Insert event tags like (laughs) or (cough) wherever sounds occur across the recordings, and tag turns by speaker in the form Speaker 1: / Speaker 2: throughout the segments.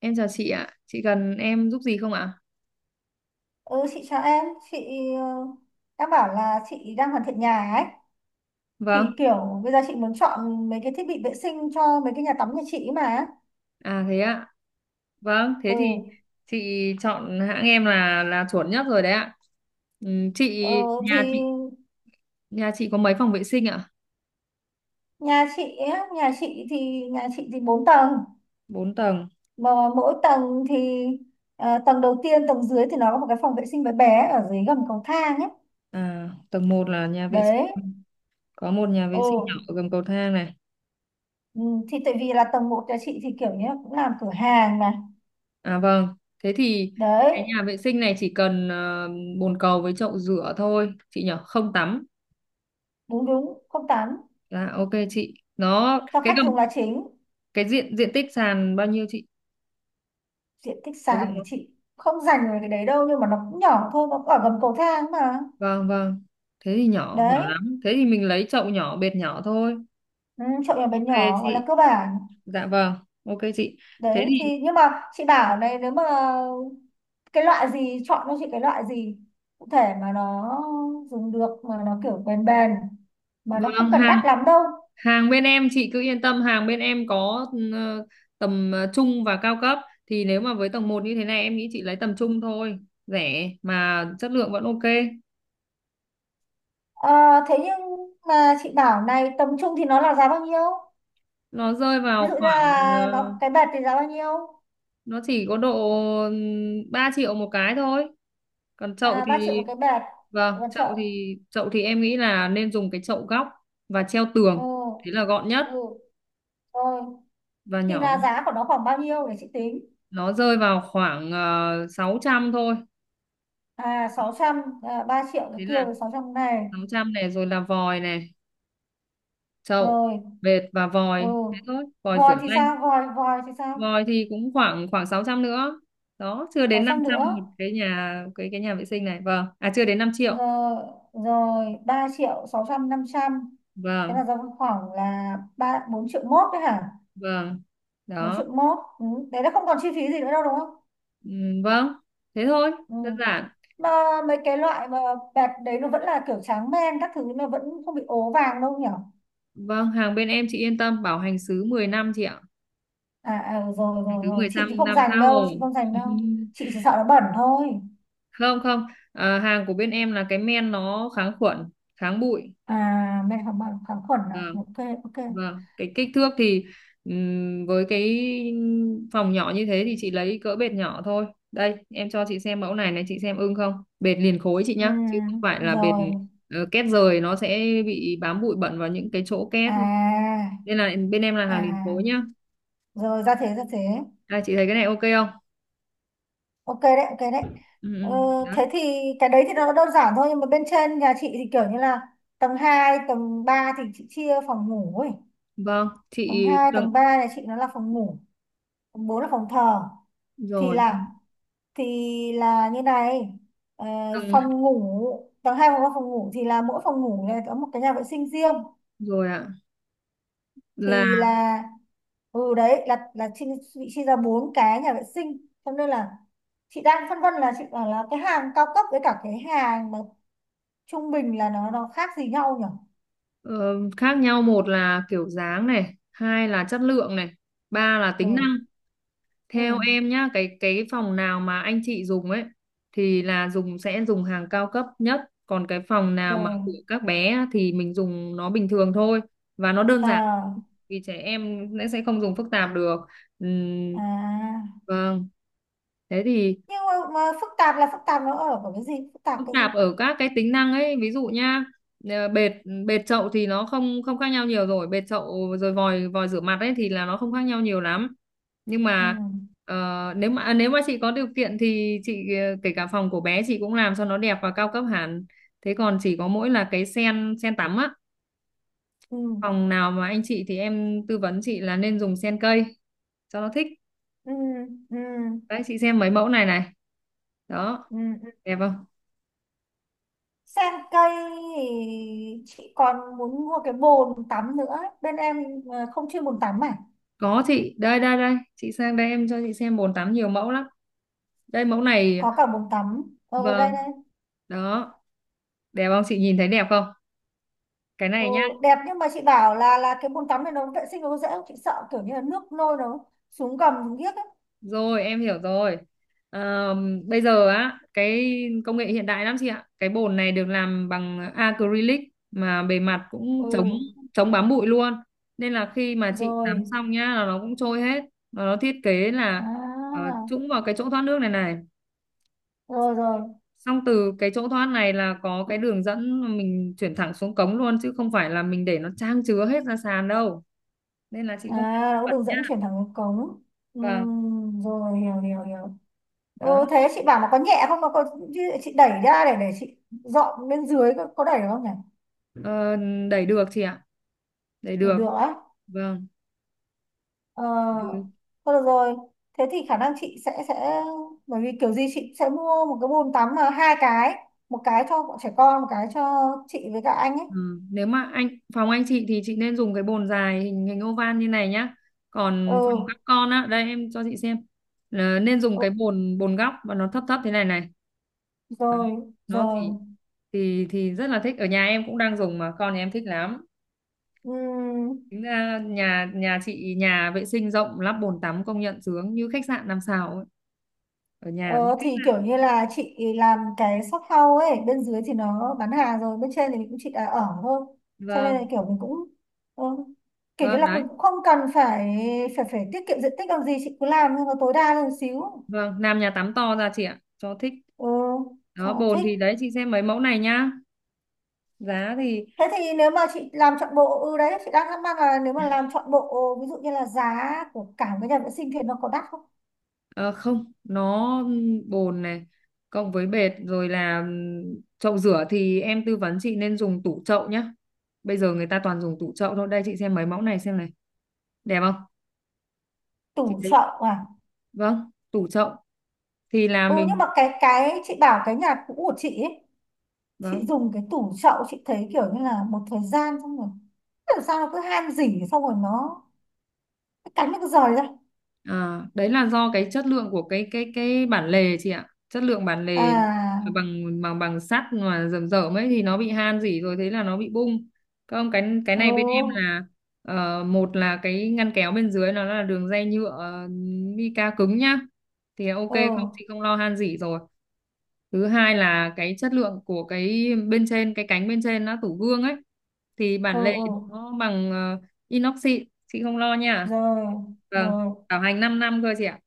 Speaker 1: Em chào chị ạ, chị cần em giúp gì không ạ?
Speaker 2: Ừ, chị chào em, chị đã bảo là chị đang hoàn thiện nhà ấy thì
Speaker 1: Vâng,
Speaker 2: kiểu bây giờ chị muốn chọn mấy cái thiết bị vệ sinh cho mấy cái nhà tắm nhà chị ấy mà.
Speaker 1: à thế ạ. Vâng, thế
Speaker 2: Ừ,
Speaker 1: thì chị chọn hãng em là chuẩn nhất rồi đấy ạ. Ừ, chị
Speaker 2: ờ,
Speaker 1: nhà
Speaker 2: thì
Speaker 1: chị nhà chị có mấy phòng vệ sinh ạ?
Speaker 2: nhà chị thì 4 tầng
Speaker 1: 4 tầng.
Speaker 2: mà mỗi tầng thì, tầng đầu tiên tầng dưới thì nó có một cái phòng vệ sinh bé bé ở dưới gầm cầu thang ấy.
Speaker 1: À, tầng 1 là nhà vệ
Speaker 2: Đấy.
Speaker 1: sinh. Có một nhà
Speaker 2: Ừ.
Speaker 1: vệ sinh nhỏ ở gầm cầu thang này.
Speaker 2: Ừ, thì tại vì là tầng 1 nhà chị thì kiểu như là cũng làm cửa hàng mà.
Speaker 1: À vâng, thế thì
Speaker 2: Đấy,
Speaker 1: cái nhà vệ sinh này chỉ cần bồn cầu với chậu rửa thôi, chị nhỉ, không tắm.
Speaker 2: đúng đúng, không tắm,
Speaker 1: Dạ, ok chị. Nó
Speaker 2: cho
Speaker 1: cái
Speaker 2: khách dùng
Speaker 1: gầm
Speaker 2: là chính.
Speaker 1: Cái diện diện tích sàn bao nhiêu chị?
Speaker 2: Diện tích
Speaker 1: Có
Speaker 2: sàn của
Speaker 1: rộng.
Speaker 2: chị không dành về cái đấy đâu, nhưng mà nó cũng nhỏ thôi, nó cũng ở gầm cầu thang mà.
Speaker 1: Vâng, vâng. Thế thì nhỏ, nhỏ
Speaker 2: Đấy,
Speaker 1: lắm. Thế thì mình lấy chậu nhỏ, bệt nhỏ thôi.
Speaker 2: ừ, chậu nhỏ bé
Speaker 1: Ok
Speaker 2: nhỏ gọi là
Speaker 1: chị.
Speaker 2: cơ bản.
Speaker 1: Dạ vâng. Ok chị. Thế
Speaker 2: Đấy
Speaker 1: thì
Speaker 2: thì nhưng mà chị bảo này, nếu mà cái loại gì chọn cho chị, cái loại gì cụ thể mà nó dùng được mà nó kiểu bền bền mà nó
Speaker 1: vâng,
Speaker 2: không cần
Speaker 1: hàng
Speaker 2: đắt lắm đâu.
Speaker 1: hàng bên em chị cứ yên tâm, hàng bên em có ờ, tầm trung và cao cấp, thì nếu mà với tầng một như thế này em nghĩ chị lấy tầm trung thôi, rẻ mà chất lượng vẫn ok.
Speaker 2: Ờ, thế nhưng mà chị bảo này, tầm trung thì nó là giá bao nhiêu,
Speaker 1: Nó rơi
Speaker 2: ví
Speaker 1: vào
Speaker 2: dụ như
Speaker 1: khoảng
Speaker 2: là nó cái bệt thì giá bao nhiêu?
Speaker 1: nó chỉ có độ 3 triệu một cái thôi. Còn chậu
Speaker 2: À, 3 triệu
Speaker 1: thì
Speaker 2: một cái bệt,
Speaker 1: vâng,
Speaker 2: còn
Speaker 1: chậu
Speaker 2: chậu.
Speaker 1: thì chậu thì em nghĩ là nên dùng cái chậu góc và treo
Speaker 2: Ừ,
Speaker 1: tường, thế là gọn nhất
Speaker 2: ừ, rồi,
Speaker 1: và
Speaker 2: thì là
Speaker 1: nhỏ.
Speaker 2: giá của nó khoảng bao nhiêu để chị tính?
Speaker 1: Nó rơi vào khoảng 600 thôi.
Speaker 2: À, 600 à, 3 triệu cái
Speaker 1: Thế
Speaker 2: kia
Speaker 1: là
Speaker 2: rồi 600 này
Speaker 1: 600 này, rồi là vòi này, chậu
Speaker 2: rồi.
Speaker 1: bệt và
Speaker 2: Ừ,
Speaker 1: vòi thế thôi, vòi
Speaker 2: vòi
Speaker 1: rửa
Speaker 2: thì
Speaker 1: tay.
Speaker 2: sao, vòi vòi thì sao?
Speaker 1: Vòi thì cũng khoảng khoảng 600 nữa. Đó, chưa đến năm
Speaker 2: 600
Speaker 1: trăm
Speaker 2: nữa,
Speaker 1: một cái nhà, cái nhà vệ sinh này. Vâng, à chưa đến 5 triệu.
Speaker 2: rồi, rồi, 3 triệu 600 500, thế là
Speaker 1: Vâng,
Speaker 2: ra khoảng là 4 triệu mốt đấy hả?
Speaker 1: vâng,
Speaker 2: bốn
Speaker 1: đó.
Speaker 2: triệu mốt ừ. Đấy là không còn chi phí gì nữa đâu, đúng không?
Speaker 1: Ừ, vâng, thế thôi,
Speaker 2: Ừ.
Speaker 1: đơn giản.
Speaker 2: Mà mấy cái loại mà bẹt đấy nó vẫn là kiểu tráng men các thứ, nó vẫn không bị ố vàng đâu nhỉ?
Speaker 1: Vâng, hàng bên em chị yên tâm, bảo hành xứ 10 năm chị ạ.
Speaker 2: À, à rồi,
Speaker 1: Hàng
Speaker 2: rồi
Speaker 1: thứ
Speaker 2: rồi chị thì
Speaker 1: 15
Speaker 2: không
Speaker 1: năm
Speaker 2: dành
Speaker 1: tha
Speaker 2: đâu,
Speaker 1: hồ.
Speaker 2: chị không dành
Speaker 1: (laughs)
Speaker 2: đâu, chị chỉ sợ nó bẩn thôi.
Speaker 1: Không, không, à, hàng của bên em là cái men nó kháng khuẩn, kháng bụi.
Speaker 2: À, men kháng bẩn kháng khuẩn à,
Speaker 1: Vâng,
Speaker 2: ok, ok.
Speaker 1: vâng. Cái kích thước thì với cái phòng nhỏ như thế thì chị lấy cỡ bệt nhỏ thôi. Đây, em cho chị xem mẫu này này, chị xem ưng không? Bệt liền khối chị
Speaker 2: Ừ,
Speaker 1: nhá, chứ không phải là bệt
Speaker 2: rồi.
Speaker 1: két rời, nó sẽ bị bám bụi bẩn vào những cái chỗ két.
Speaker 2: À,
Speaker 1: Nên là bên em là hàng liền
Speaker 2: à
Speaker 1: khối nhá.
Speaker 2: rồi, ra thế, ra thế.
Speaker 1: Đây, chị thấy cái này ok không?
Speaker 2: Ok đấy, ok đấy.
Speaker 1: Ừ,
Speaker 2: Ừ,
Speaker 1: ừ, đó.
Speaker 2: thế thì cái đấy thì nó đơn giản thôi, nhưng mà bên trên nhà chị thì kiểu như là tầng 2 tầng 3 thì chị chia phòng ngủ ấy.
Speaker 1: Vâng,
Speaker 2: Tầng
Speaker 1: chị
Speaker 2: 2 tầng 3 nhà chị nó là phòng ngủ, tầng 4 là phòng thờ. Thì
Speaker 1: rồi,
Speaker 2: là, thì là như này, ờ,
Speaker 1: từng
Speaker 2: phòng ngủ tầng 2 có phòng ngủ thì là mỗi phòng ngủ này có một cái nhà vệ sinh riêng.
Speaker 1: rồi ạ. Là
Speaker 2: Thì là, ừ, đấy là bị chia ra 4 cái nhà vệ sinh, cho nên là chị đang phân vân, là chị bảo là cái hàng cao cấp với cả cái hàng mà trung bình là nó khác gì nhau nhỉ?
Speaker 1: ờ, khác nhau một là kiểu dáng này, hai là chất lượng này, ba là
Speaker 2: Ừ.
Speaker 1: tính năng.
Speaker 2: Ừ.
Speaker 1: Theo em nhá, cái phòng nào mà anh chị dùng ấy thì là sẽ dùng hàng cao cấp nhất, còn cái phòng nào mà của
Speaker 2: Rồi.
Speaker 1: các bé á thì mình dùng nó bình thường thôi và nó đơn giản,
Speaker 2: À.
Speaker 1: vì trẻ em sẽ không dùng phức tạp được. Ừm,
Speaker 2: À,
Speaker 1: vâng. Thế thì
Speaker 2: nhưng mà phức tạp là phức tạp nó ở cái gì, phức tạp
Speaker 1: phức
Speaker 2: cái gì?
Speaker 1: tạp ở các cái tính năng ấy, ví dụ nhá, bệt bệt chậu thì nó không không khác nhau nhiều, rồi bệt chậu, rồi vòi vòi rửa mặt ấy thì là nó không khác nhau nhiều lắm. Nhưng
Speaker 2: Ừ.
Speaker 1: mà nếu mà chị có điều kiện thì chị kể cả phòng của bé chị cũng làm cho nó đẹp và cao cấp hẳn. Thế còn chỉ có mỗi là cái sen sen tắm á,
Speaker 2: Ừ.
Speaker 1: phòng nào mà anh chị thì em tư vấn chị là nên dùng sen cây cho nó thích.
Speaker 2: Ừ. Ừ.
Speaker 1: Đấy chị xem mấy mẫu này này, đó,
Speaker 2: Ừ.
Speaker 1: đẹp không?
Speaker 2: Sen cây thì chị còn muốn mua cái bồn tắm nữa. Bên em, không chuyên bồn tắm à?
Speaker 1: Có chị, đây đây đây, chị sang đây em cho chị xem bồn tắm nhiều mẫu lắm. Đây mẫu này,
Speaker 2: Có cả bồn tắm. Ừ, đây
Speaker 1: vâng,
Speaker 2: đây.
Speaker 1: đó, đẹp không? Chị nhìn thấy đẹp không? Cái
Speaker 2: Ừ,
Speaker 1: này nhá,
Speaker 2: đẹp nhưng mà chị bảo là cái bồn tắm này nó vệ sinh nó có dễ không? Chị sợ kiểu như là nước nôi nó xuống gầm xuống giếc ấy.
Speaker 1: rồi em hiểu rồi. Ờ, Bây giờ á, cái công nghệ hiện đại lắm chị ạ. Cái bồn này được làm bằng acrylic mà bề mặt cũng
Speaker 2: Ừ,
Speaker 1: chống chống bám bụi luôn. Nên là khi mà chị tắm
Speaker 2: rồi.
Speaker 1: xong nhá là nó cũng trôi hết. Và nó thiết kế là
Speaker 2: À
Speaker 1: trũng vào cái chỗ thoát nước này này.
Speaker 2: rồi rồi.
Speaker 1: Xong từ cái chỗ thoát này là có cái đường dẫn mà mình chuyển thẳng xuống cống luôn, chứ không phải là mình để nó trang chứa hết ra sàn đâu, nên là chị
Speaker 2: À,
Speaker 1: không phải
Speaker 2: nó có
Speaker 1: bật
Speaker 2: đường
Speaker 1: nhá.
Speaker 2: dẫn chuyển thẳng vào cống. Ừ,
Speaker 1: Vâng,
Speaker 2: rồi, hiểu hiểu hiểu. Ừ,
Speaker 1: đó,
Speaker 2: thế chị bảo nó có nhẹ không? Nó có, chị đẩy ra để chị dọn bên dưới, có đẩy được không nhỉ?
Speaker 1: ờ, đẩy được chị ạ, đẩy
Speaker 2: Để
Speaker 1: được.
Speaker 2: được á?
Speaker 1: Vâng, ừ.
Speaker 2: Ờ, thôi được rồi. Thế thì khả năng chị sẽ, bởi vì kiểu gì chị sẽ mua một cái bồn tắm mà 2 cái, 1 cái cho bọn trẻ con, 1 cái cho chị với cả anh ấy.
Speaker 1: Ừ, nếu mà phòng anh chị thì chị nên dùng cái bồn dài hình hình oval như này nhá. Còn phòng
Speaker 2: Ừ,
Speaker 1: các con á, đây em cho chị xem, là nên dùng
Speaker 2: ừ,
Speaker 1: cái bồn bồn góc và nó thấp thấp thế này này.
Speaker 2: rồi,
Speaker 1: Nó
Speaker 2: rồi.
Speaker 1: thì rất là thích, ở nhà em cũng đang dùng mà con nhà em thích lắm.
Speaker 2: Ừm,
Speaker 1: Tính ra nhà nhà chị nhà vệ sinh rộng lắp bồn tắm công nhận sướng như khách sạn 5 sao ấy, ở nhà.
Speaker 2: ờ, thì kiểu như là chị làm cái shop house ấy, bên dưới thì nó bán hàng rồi, bên trên thì mình cũng chỉ là ở thôi. Cho nên là
Speaker 1: Vâng,
Speaker 2: kiểu mình cũng, ừ, kiểu như
Speaker 1: vâng
Speaker 2: là
Speaker 1: đấy.
Speaker 2: cũng cũng không cần phải phải phải tiết kiệm diện tích làm gì, chị cứ làm nhưng mà tối đa lên một xíu.
Speaker 1: Vâng, làm nhà tắm to ra chị ạ, cho thích.
Speaker 2: Ừ, cho
Speaker 1: Đó
Speaker 2: nó
Speaker 1: bồn
Speaker 2: thích.
Speaker 1: thì đấy chị xem mấy mẫu này nhá. Giá thì
Speaker 2: Thế thì nếu mà chị làm trọn bộ, ừ, đấy chị đang thắc mắc là nếu mà làm trọn bộ, ví dụ như là giá của cả cái nhà vệ sinh thì nó có đắt không?
Speaker 1: ờ, không, nó bồn này cộng với bệt, rồi là chậu rửa thì em tư vấn chị nên dùng tủ chậu nhá. Bây giờ người ta toàn dùng tủ chậu thôi. Đây chị xem mấy mẫu này xem này. Đẹp không? Chị
Speaker 2: Tủ
Speaker 1: thấy.
Speaker 2: chậu à?
Speaker 1: Vâng, tủ chậu thì là
Speaker 2: Ừ, nhưng
Speaker 1: mình.
Speaker 2: mà cái chị bảo cái nhà cũ của chị ấy, chị
Speaker 1: Vâng.
Speaker 2: dùng cái tủ chậu chị thấy kiểu như là một thời gian xong rồi, làm sao nó cứ han rỉ xong rồi nó cái cánh nó cứ rời ra.
Speaker 1: À, đấy là do cái chất lượng của cái bản lề chị ạ. Chất lượng bản lề
Speaker 2: À.
Speaker 1: bằng bằng bằng sắt mà rầm rởm ấy thì nó bị han rỉ rồi thế là nó bị bung. Không, cái này bên em
Speaker 2: Ừ.
Speaker 1: là một là cái ngăn kéo bên dưới nó là đường ray nhựa, mica cứng nhá. Thì ok,
Speaker 2: Ừ.
Speaker 1: không thì không lo han rỉ rồi. Thứ hai là cái chất lượng của cái bên trên, cái cánh bên trên nó tủ gương ấy, thì
Speaker 2: Ừ.
Speaker 1: bản lề
Speaker 2: Ừ,
Speaker 1: nó bằng inox xịn chị không lo nha.
Speaker 2: rồi
Speaker 1: Vâng,
Speaker 2: rồi.
Speaker 1: bảo hành 5 năm cơ chị ạ.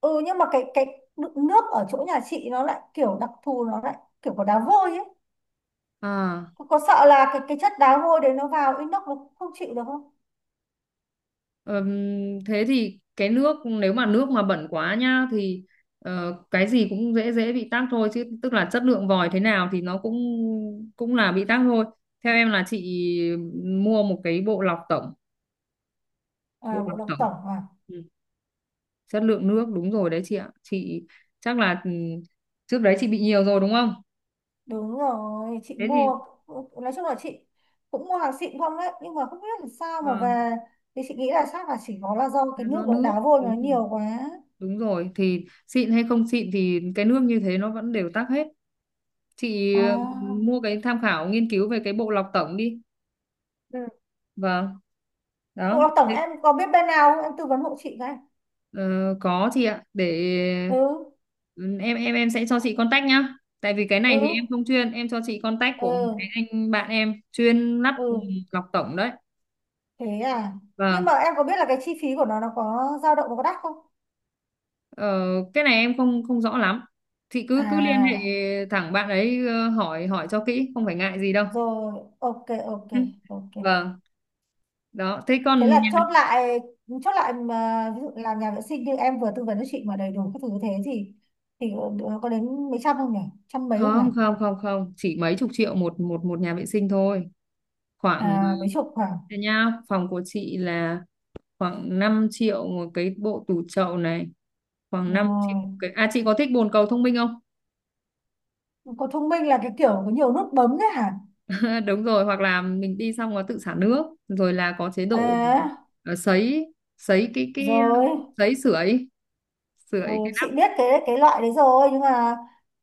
Speaker 2: Ừ, nhưng mà cái đựng nước ở chỗ nhà chị nó lại kiểu đặc thù, nó lại kiểu có đá vôi ấy.
Speaker 1: À,
Speaker 2: Có sợ là cái chất đá vôi đấy nó vào inox nó không chịu được không?
Speaker 1: thế thì cái nước, nếu mà nước mà bẩn quá nhá thì cái gì cũng dễ dễ bị tắc thôi, chứ tức là chất lượng vòi thế nào thì nó cũng cũng là bị tắc thôi. Theo em là chị mua một cái bộ lọc tổng. Bộ
Speaker 2: À, bộ
Speaker 1: lọc
Speaker 2: độc
Speaker 1: tổng.
Speaker 2: tổng à?
Speaker 1: Ừ. Chất lượng nước đúng rồi đấy chị ạ, chị chắc là trước đấy chị bị nhiều rồi đúng không?
Speaker 2: Đúng rồi, chị
Speaker 1: Thế thì
Speaker 2: mua, nói chung là chị cũng mua hàng xịn không đấy, nhưng mà không biết là sao mà
Speaker 1: vâng,
Speaker 2: về, thì chị nghĩ là chắc là chỉ có là do cái
Speaker 1: là
Speaker 2: nước
Speaker 1: do
Speaker 2: ở
Speaker 1: nước,
Speaker 2: đá vôi
Speaker 1: đúng
Speaker 2: nó
Speaker 1: rồi.
Speaker 2: nhiều quá.
Speaker 1: Đúng rồi, thì xịn hay không xịn thì cái nước như thế nó vẫn đều tắc hết chị. Ừ,
Speaker 2: À.
Speaker 1: Mua cái, tham khảo nghiên cứu về cái bộ lọc tổng đi.
Speaker 2: Ừ.
Speaker 1: Vâng,
Speaker 2: Bộ
Speaker 1: đó.
Speaker 2: độc tổng em có biết bên nào không? Em tư vấn hộ chị cái.
Speaker 1: Ờ, có chị ạ, để
Speaker 2: Ừ,
Speaker 1: ừ, em sẽ cho chị contact nhá, tại vì cái này thì em
Speaker 2: ừ,
Speaker 1: không chuyên, em cho chị contact
Speaker 2: ừ,
Speaker 1: của một cái anh bạn em chuyên lắp
Speaker 2: ừ.
Speaker 1: lọc tổng đấy.
Speaker 2: Thế à. Nhưng
Speaker 1: Vâng,
Speaker 2: mà em có biết là cái chi phí của nó có dao động, nó có đắt không?
Speaker 1: ờ, cái này em không không rõ lắm, thì cứ cứ liên hệ
Speaker 2: À,
Speaker 1: thẳng bạn ấy hỏi hỏi cho kỹ, không phải ngại gì đâu.
Speaker 2: rồi, ok, ok,
Speaker 1: Ừ,
Speaker 2: ok.
Speaker 1: vâng, đó thế
Speaker 2: Thế
Speaker 1: còn
Speaker 2: là chốt
Speaker 1: nhà-
Speaker 2: lại, chốt lại mà ví dụ là nhà vệ sinh như em vừa tư vấn cho chị mà đầy đủ các thứ như thế thì có đến mấy trăm không nhỉ, trăm mấy không nhỉ?
Speaker 1: Không, không, không, không, chỉ mấy chục triệu một, một nhà vệ sinh thôi. Khoảng
Speaker 2: À, mấy chục, khoảng.
Speaker 1: thế nha, phòng của chị là khoảng 5 triệu một cái bộ tủ chậu này, khoảng 5 triệu
Speaker 2: Rồi.
Speaker 1: cái. À chị có thích bồn cầu thông minh không?
Speaker 2: Có thông minh là cái kiểu có nhiều nút bấm đấy hả?
Speaker 1: (laughs) Đúng rồi, hoặc là mình đi xong nó tự xả nước, rồi là có chế độ
Speaker 2: À,
Speaker 1: sấy sấy cái
Speaker 2: rồi.
Speaker 1: sấy sưởi, sưởi
Speaker 2: Ừ,
Speaker 1: cái nắp.
Speaker 2: chị biết cái loại đấy rồi, nhưng mà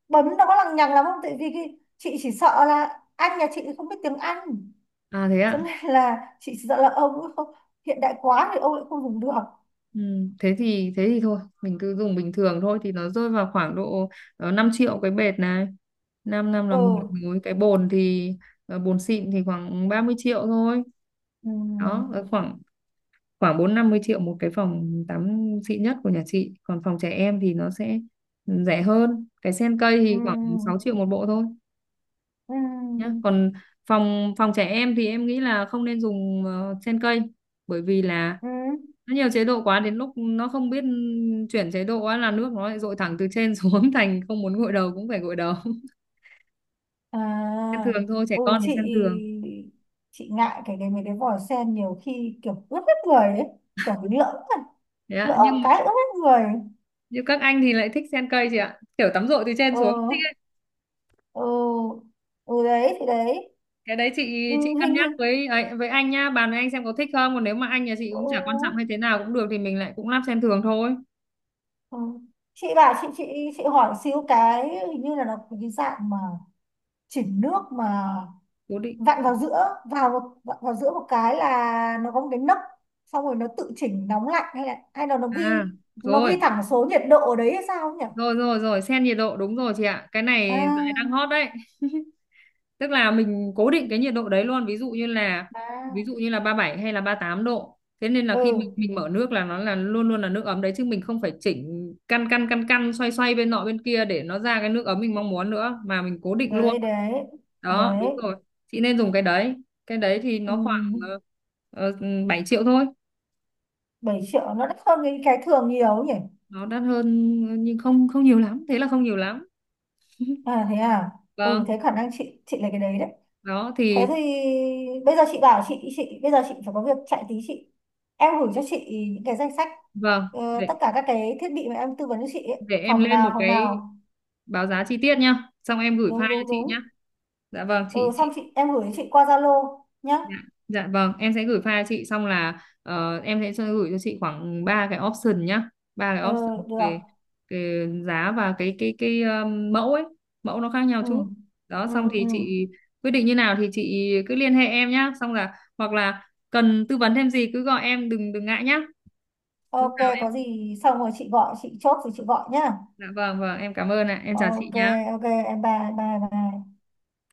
Speaker 2: bấm nó có lằng nhằng lắm không, tại vì cái, chị chỉ sợ là anh nhà chị không biết tiếng Anh,
Speaker 1: À thế
Speaker 2: cho
Speaker 1: ạ.
Speaker 2: nên là chị chỉ sợ là ông ấy không, hiện đại quá thì ông lại không dùng được.
Speaker 1: Ừ, thế thì thôi mình cứ dùng bình thường thôi, thì nó rơi vào khoảng độ 5 triệu cái bệt này, 5 năm là
Speaker 2: Ừ,
Speaker 1: 10 múi. Cái bồn thì bồn xịn thì khoảng 30 triệu thôi.
Speaker 2: ừ.
Speaker 1: Đó, khoảng khoảng bốn năm mươi triệu một cái phòng tắm xịn nhất của nhà chị, còn phòng trẻ em thì nó sẽ rẻ hơn. Cái sen cây
Speaker 2: Ừ.
Speaker 1: thì khoảng 6 triệu một bộ thôi nhá.
Speaker 2: Ừ.
Speaker 1: Còn phòng phòng trẻ em thì em nghĩ là không nên dùng sen cây, bởi vì là
Speaker 2: Ừ.
Speaker 1: nó nhiều chế độ quá, đến lúc nó không biết chuyển chế độ á là nước nó lại dội thẳng từ trên xuống, (laughs) thành không muốn gội đầu cũng phải gội đầu. (laughs) Sen
Speaker 2: À.
Speaker 1: thường thôi, trẻ
Speaker 2: Ừ,
Speaker 1: con thì
Speaker 2: chị
Speaker 1: sen thường
Speaker 2: chị ngại cái mấy cái vòi sen nhiều khi kiểu ướt hết người ấy, kiểu mình lỡ rồi,
Speaker 1: đấy ạ.
Speaker 2: lỡ một cái ướt hết người.
Speaker 1: Nhưng các anh thì lại thích sen cây chị ạ, kiểu tắm dội từ trên
Speaker 2: Ừ.
Speaker 1: xuống thích.
Speaker 2: Ừ. Ừ, đấy thì đấy.
Speaker 1: Cái đấy chị
Speaker 2: Ừ,
Speaker 1: chị cân
Speaker 2: hình
Speaker 1: nhắc
Speaker 2: hình.
Speaker 1: với ấy, với anh nhá, bàn với anh xem có thích không, còn nếu mà anh nhà chị
Speaker 2: Ừ,
Speaker 1: cũng chả quan trọng hay thế nào cũng được thì mình lại cũng lắp sen thường thôi.
Speaker 2: ừ. Chị bảo chị chị hỏi xíu cái, hình như là nó có cái dạng mà chỉnh nước mà
Speaker 1: Cố định.
Speaker 2: vặn vào giữa vào một vặn vào giữa một cái là nó có một cái nấc xong rồi nó tự chỉnh nóng lạnh, hay là nó
Speaker 1: À
Speaker 2: ghi, nó ghi
Speaker 1: rồi,
Speaker 2: thẳng số nhiệt độ ở đấy hay sao nhỉ?
Speaker 1: rồi, rồi, rồi, sen nhiệt độ đúng rồi chị ạ, cái này dạo này đang
Speaker 2: À,
Speaker 1: hot đấy. Tức là mình cố định cái nhiệt độ đấy luôn, ví dụ như là ví dụ
Speaker 2: à.
Speaker 1: như là 37 hay là 38 độ, thế nên là khi mình,
Speaker 2: Ừ,
Speaker 1: mình mở nước là nó là luôn luôn là nước ấm đấy, chứ mình không phải chỉnh căn căn căn căn, xoay xoay bên nọ bên kia để nó ra cái nước ấm mình mong muốn nữa, mà mình cố định luôn.
Speaker 2: đấy đấy
Speaker 1: Đó, đúng
Speaker 2: đấy.
Speaker 1: rồi, chị nên dùng cái đấy. Cái đấy thì
Speaker 2: Ừ,
Speaker 1: nó khoảng uh, 7 triệu thôi.
Speaker 2: 7 triệu nó đắt hơn cái thường nhiều nhỉ?
Speaker 1: Nó đắt hơn nhưng không không nhiều lắm, thế là không nhiều lắm.
Speaker 2: À thế à. Ừ,
Speaker 1: Vâng,
Speaker 2: thế khả năng chị lấy cái đấy đấy.
Speaker 1: đó
Speaker 2: Thế thì
Speaker 1: thì
Speaker 2: bây giờ chị bảo chị bây giờ chị phải có việc chạy tí, chị, em gửi cho chị những cái danh sách,
Speaker 1: vâng,
Speaker 2: tất
Speaker 1: để
Speaker 2: cả các cái thiết bị mà em tư vấn cho chị ấy.
Speaker 1: để em
Speaker 2: Phòng
Speaker 1: lên
Speaker 2: nào
Speaker 1: một
Speaker 2: phòng
Speaker 1: cái
Speaker 2: nào.
Speaker 1: báo giá chi tiết nhá, xong em gửi
Speaker 2: Đúng
Speaker 1: file cho
Speaker 2: đúng
Speaker 1: chị nhá.
Speaker 2: đúng.
Speaker 1: Dạ vâng
Speaker 2: Ừ,
Speaker 1: chị
Speaker 2: xong chị, em gửi cho chị qua Zalo nhá.
Speaker 1: dạ, dạ vâng em sẽ gửi file cho chị, xong là em sẽ gửi cho chị khoảng ba cái option nhá. Ba cái
Speaker 2: Ừ,
Speaker 1: option
Speaker 2: được.
Speaker 1: về giá và cái mẫu ấy, mẫu nó khác nhau
Speaker 2: Ừ,
Speaker 1: chút. Đó,
Speaker 2: ừ,
Speaker 1: xong thì
Speaker 2: ừ.
Speaker 1: chị quyết định như nào thì chị cứ liên hệ em nhá, xong là hoặc là cần tư vấn thêm gì cứ gọi em, đừng đừng ngại nhá. Lúc
Speaker 2: Ok,
Speaker 1: nào
Speaker 2: có
Speaker 1: em,
Speaker 2: gì xong rồi chị gọi, chị chốt rồi chị gọi nhá.
Speaker 1: dạ vâng, vâng em cảm ơn ạ, em chào chị
Speaker 2: Ok,
Speaker 1: nhá.
Speaker 2: ok, em bye bye bye.